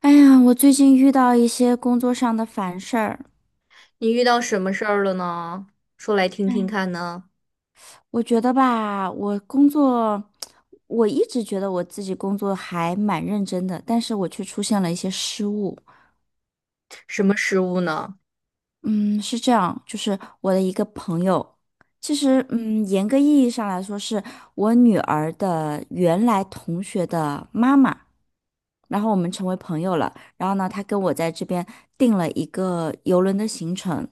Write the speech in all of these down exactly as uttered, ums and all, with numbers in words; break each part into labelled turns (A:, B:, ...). A: 哎呀，我最近遇到一些工作上的烦事儿，
B: 你遇到什么事儿了呢？说来听听看
A: 嗯
B: 呢，
A: 我觉得吧，我工作，我一直觉得我自己工作还蛮认真的，但是我却出现了一些失误。
B: 什么失误呢？
A: 嗯，是这样，就是我的一个朋友，其实，嗯，严格意义上来说，是我女儿的原来同学的妈妈。然后我们成为朋友了。然后呢，她跟我在这边定了一个游轮的行程。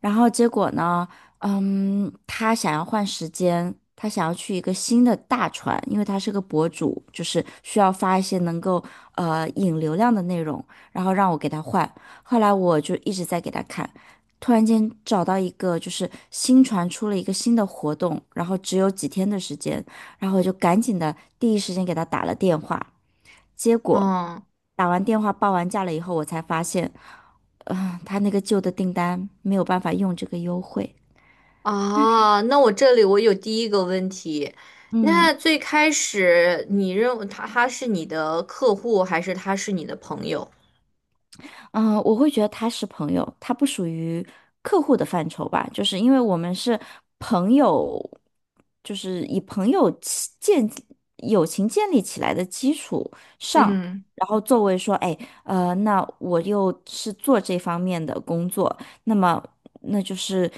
A: 然后结果呢，嗯，他想要换时间，他想要去一个新的大船，因为他是个博主，就是需要发一些能够呃引流量的内容，然后让我给他换。后来我就一直在给他看，突然间找到一个就是新船出了一个新的活动，然后只有几天的时间，然后我就赶紧的第一时间给他打了电话。结果
B: 嗯
A: 打完电话报完价了以后，我才发现，啊、他那个旧的订单没有办法用这个优惠。
B: 啊，那我这里我有第一个问题，那
A: 嗯，
B: 最开始你认为他他是你的客户还是他是你的朋友？
A: 嗯，呃我会觉得他是朋友，他不属于客户的范畴吧，就是因为我们是朋友，就是以朋友起建友情建立起来的基础上，
B: 嗯。
A: 然后作为说，哎，呃，那我又是做这方面的工作，那么那就是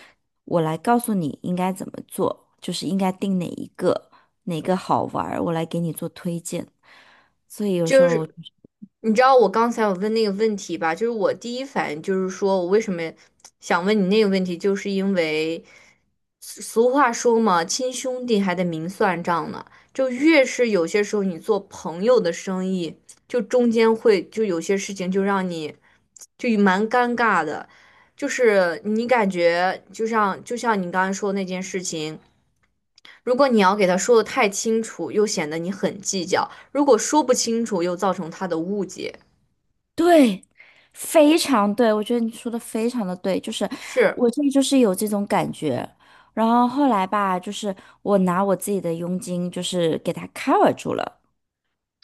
A: 我来告诉你应该怎么做，就是应该定哪一个哪个好玩儿我来给你做推荐，所以有时
B: 就
A: 候。
B: 是你知道我刚才我问那个问题吧，就是我第一反应就是说我为什么想问你那个问题，就是因为俗俗话说嘛，亲兄弟还得明算账呢。就越是有些时候你做朋友的生意，就中间会就有些事情就让你就蛮尴尬的，就是你感觉就像就像你刚才说那件事情。如果你要给他说的太清楚，又显得你很计较；如果说不清楚，又造成他的误解。
A: 对，非常对，我觉得你说的非常的对，就是
B: 是，
A: 我这就是有这种感觉，然后后来吧，就是我拿我自己的佣金，就是给他 cover 住了，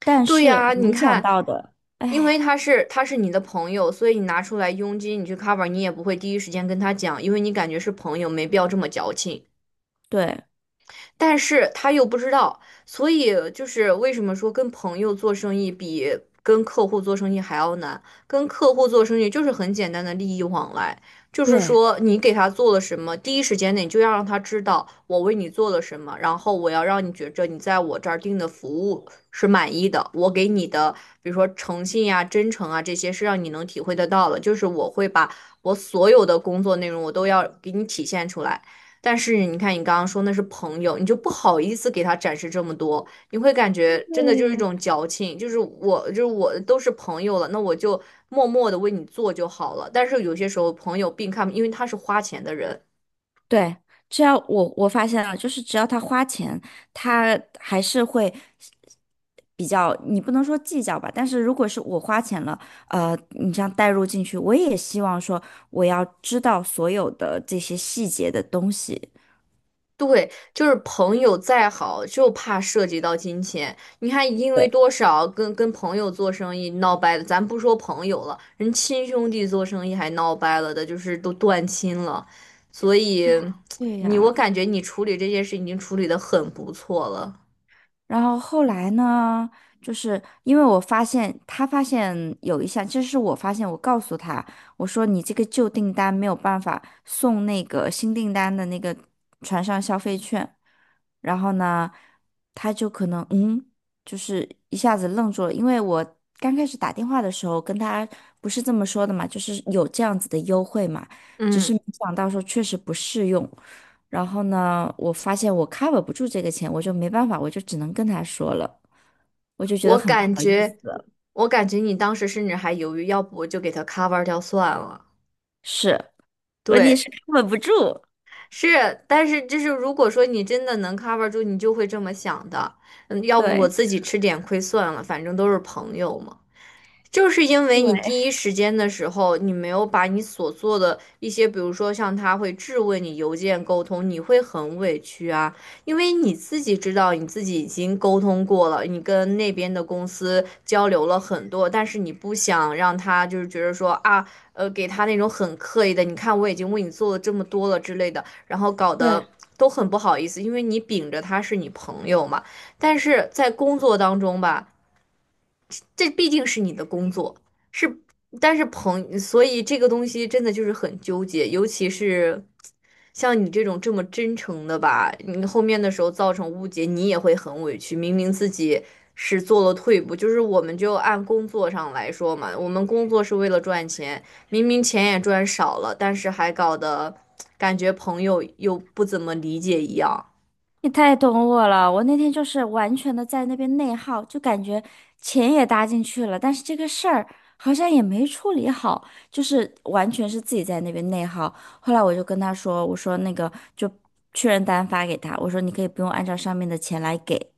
A: 但
B: 对
A: 是
B: 呀，
A: 我
B: 你
A: 没想
B: 看，
A: 到的，
B: 因为
A: 哎，
B: 他是他是你的朋友，所以你拿出来佣金，你去 cover，你也不会第一时间跟他讲，因为你感觉是朋友，没必要这么矫情。
A: 对
B: 但是他又不知道，所以就是为什么说跟朋友做生意比跟客户做生意还要难？跟客户做生意就是很简单的利益往来，就是
A: 对。
B: 说你给他做了什么，第一时间内就要让他知道我为你做了什么，然后我要让你觉着你在我这儿订的服务是满意的，我给你的，比如说诚信呀、真诚啊这些是让你能体会得到的，就是我会把我所有的工作内容我都要给你体现出来。但是你看，你刚刚说那是朋友，你就不好意思给他展示这么多，你会感觉真的就是一
A: 对
B: 种矫情，就是我就是我都是朋友了，那我就默默的为你做就好了。但是有些时候，朋友并看，因为他是花钱的人，
A: 对，只要我我发现了，就是只要他花钱，他还是会比较，你不能说计较吧，但是如果是我花钱了，呃，你这样带入进去，我也希望说我要知道所有的这些细节的东西。
B: 对，就是朋友再好，就怕涉及到金钱。你看，因为
A: 对，
B: 多少跟跟朋友做生意闹掰了，咱不说朋友了，人亲兄弟做生意还闹掰了的，就是都断亲了。所以，
A: 对
B: 你我
A: 呀，
B: 感觉你处理这件事已经处理的很不错了。
A: 然后后来呢，就是因为我发现他发现有一项，这是我发现，我告诉他，我说你这个旧订单没有办法送那个新订单的那个船上消费券，然后呢，他就可能嗯，就是一下子愣住了，因为我刚开始打电话的时候跟他不是这么说的嘛，就是有这样子的优惠嘛，只是
B: 嗯，
A: 没想到说确实不适用。然后呢，我发现我 cover 不住这个钱，我就没办法，我就只能跟他说了，我就觉
B: 我
A: 得很不好
B: 感
A: 意
B: 觉，
A: 思。
B: 我感觉你当时甚至还犹豫，要不我就给他 cover 掉算了。
A: 是，问题
B: 对，
A: 是 cover 不住。
B: 是，但是就是如果说你真的能 cover 住，你就会这么想的。嗯，要不我
A: 对，
B: 自己吃点亏算了，反正都是朋友嘛。就是因为
A: 对。
B: 你第一时间的时候，你没有把你所做的一些，比如说像他会质问你邮件沟通，你会很委屈啊，因为你自己知道你自己已经沟通过了，你跟那边的公司交流了很多，但是你不想让他就是觉得说啊，呃，给他那种很刻意的，你看我已经为你做了这么多了之类的，然后搞
A: 对，
B: 得都很不好意思，因为你秉着他是你朋友嘛，但是在工作当中吧，这毕竟是你的工作，是，但是朋，所以这个东西真的就是很纠结，尤其是像你这种这么真诚的吧，你后面的时候造成误解，你也会很委屈。明明自己是做了退步，就是我们就按工作上来说嘛，我们工作是为了赚钱，明明钱也赚少了，但是还搞得感觉朋友又不怎么理解一样。
A: 你太懂我了，我那天就是完全的在那边内耗，就感觉钱也搭进去了，但是这个事儿好像也没处理好，就是完全是自己在那边内耗。后来我就跟他说，我说那个就确认单发给他，我说你可以不用按照上面的钱来给。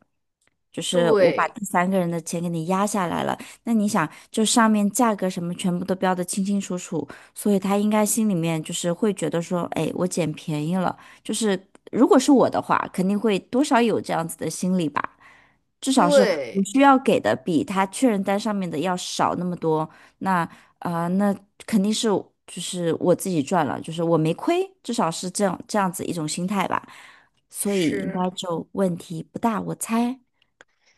A: 就是我把
B: 对
A: 第三个人的钱给你压下来了，那你想，就上面价格什么全部都标的清清楚楚，所以他应该心里面就是会觉得说，哎，我捡便宜了。就是如果是我的话，肯定会多少有这样子的心理吧。至少是我
B: 对，
A: 需要给的比他确认单上面的要少那么多，那啊、呃那肯定是就是我自己赚了，就是我没亏，至少是这样这样子一种心态吧，所以应
B: 是。
A: 该就问题不大，我猜。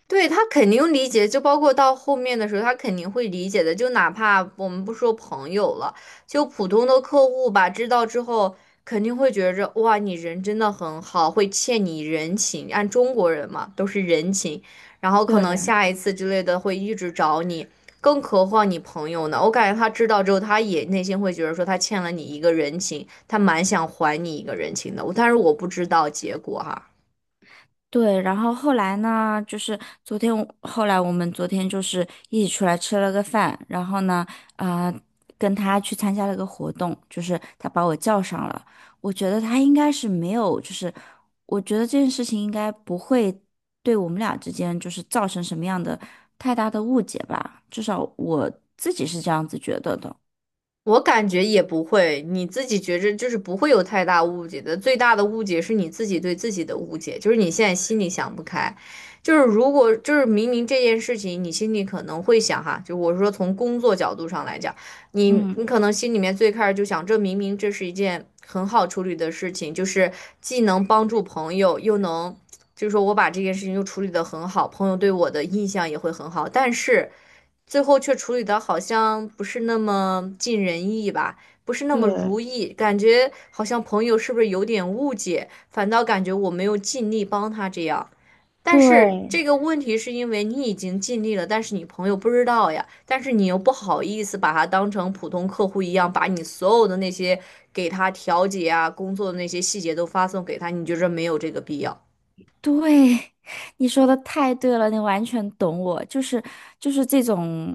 B: 对，他肯定理解，就包括到后面的时候，他肯定会理解的。就哪怕我们不说朋友了，就普通的客户吧，知道之后肯定会觉着哇，你人真的很好，会欠你人情。按中国人嘛，都是人情，然后可能
A: 对。
B: 下一次之类的会一直找你，更何况你朋友呢？我感觉他知道之后，他也内心会觉得说他欠了你一个人情，他蛮想还你一个人情的。但是我不知道结果哈。
A: 对，然后后来呢，就是昨天我后来我们昨天就是一起出来吃了个饭，然后呢，啊、跟他去参加了个活动，就是他把我叫上了。我觉得他应该是没有，就是我觉得这件事情应该不会对我们俩之间就是造成什么样的太大的误解吧，至少我自己是这样子觉得的。
B: 我感觉也不会，你自己觉着就是不会有太大误解的。最大的误解是你自己对自己的误解，就是你现在心里想不开。就是如果就是明明这件事情，你心里可能会想哈，就我说从工作角度上来讲，你
A: 嗯，
B: 你可能心里面最开始就想，这明明这是一件很好处理的事情，就是既能帮助朋友，又能就是说我把这件事情又处理得很好，朋友对我的印象也会很好，但是。最后却处理的好像不是那么尽人意吧，不是那么如
A: 对，
B: 意，感觉好像朋友是不是有点误解，反倒感觉我没有尽力帮他这样。但是
A: 对，
B: 这个问题是因为你已经尽力了，但是你朋友不知道呀，但是你又不好意思把他当成普通客户一样，把你所有的那些给他调解啊、工作的那些细节都发送给他，你觉着没有这个必要？
A: 对，你说的太对了，你完全懂我，就是就是这种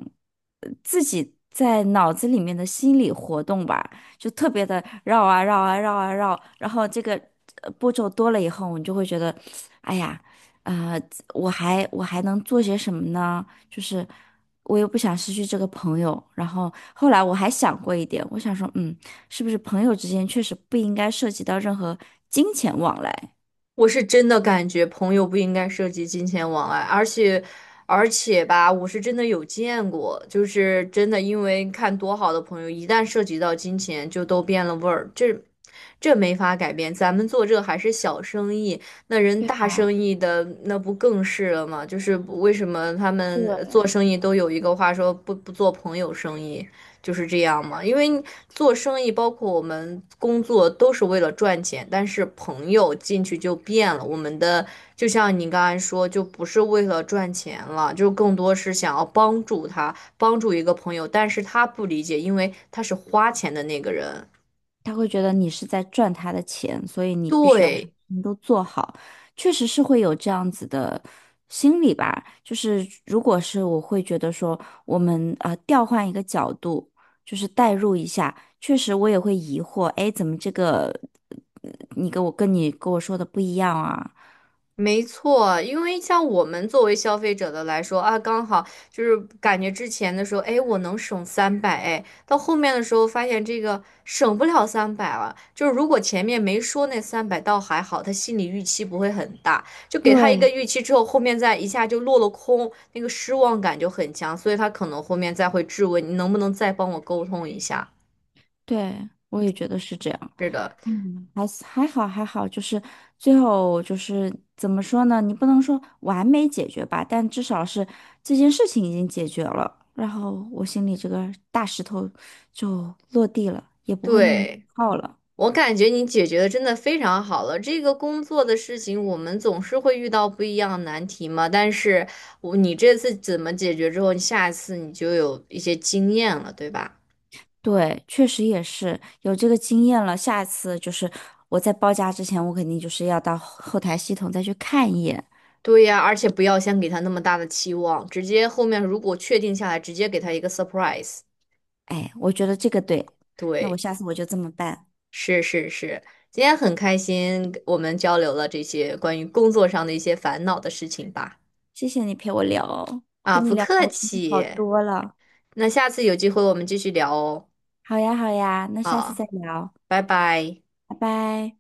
A: 呃自己在脑子里面的心理活动吧，就特别的绕啊绕啊绕啊绕，然后这个呃步骤多了以后，你就会觉得，哎呀，呃，我还我还能做些什么呢？就是我又不想失去这个朋友，然后后来我还想过一点，我想说，嗯，是不是朋友之间确实不应该涉及到任何金钱往来？
B: 我是真的感觉朋友不应该涉及金钱往来，而且，而且吧，我是真的有见过，就是真的因为看多好的朋友，一旦涉及到金钱，就都变了味儿，这这没法改变。咱们做这还是小生意，那人大生意的那不更是了吗？就是为什么他们
A: 对。
B: 做生意都有一个话说不不做朋友生意？就是这样嘛，因为做生意，包括我们工作，都是为了赚钱。但是朋友进去就变了，我们的就像你刚才说，就不是为了赚钱了，就更多是想要帮助他，帮助一个朋友。但是他不理解，因为他是花钱的那个人。
A: 他会觉得你是在赚他的钱，所以你必须要把什么
B: 对，
A: 事情都做好。确实是会有这样子的心理吧，就是如果是我会觉得说，我们啊、呃调换一个角度，就是代入一下，确实我也会疑惑，哎，怎么这个呃你跟我跟你跟我说的不一样啊？
B: 没错，因为像我们作为消费者的来说啊，刚好就是感觉之前的时候，哎，我能省三百，哎，到后面的时候发现这个省不了三百了。就是如果前面没说那三百倒还好，他心理预期不会很大，就给他一个
A: 对
B: 预期之后，后面再一下就落了空，那个失望感就很强，所以他可能后面再会质问你能不能再帮我沟通一下。
A: 对，我也觉得是这样。
B: 是的，
A: 嗯，还是还好还好，就是最后就是怎么说呢？你不能说完美解决吧，但至少是这件事情已经解决了，然后我心里这个大石头就落地了，也不会那么
B: 对。
A: 耗了。
B: 我感觉你解决的真的非常好了。这个工作的事情，我们总是会遇到不一样的难题嘛。但是我你这次怎么解决之后，你下一次你就有一些经验了，对吧？
A: 对，确实也是有这个经验了，下次就是我在报价之前，我肯定就是要到后后台系统再去看一眼。
B: 对呀，而且不要先给他那么大的期望，直接后面如果确定下来，直接给他一个 surprise。
A: 哎，我觉得这个对，那我
B: 对，
A: 下次我就这么办。
B: 是是是，今天很开心，我们交流了这些关于工作上的一些烦恼的事情吧。
A: 谢谢你陪我聊哦
B: 啊，
A: 跟你
B: 不
A: 聊
B: 客
A: 我心情好
B: 气。
A: 多了。
B: 那下次有机会我们继续聊哦。
A: 好呀，好呀，那下次
B: 啊。
A: 再聊，
B: 拜拜。
A: 拜拜。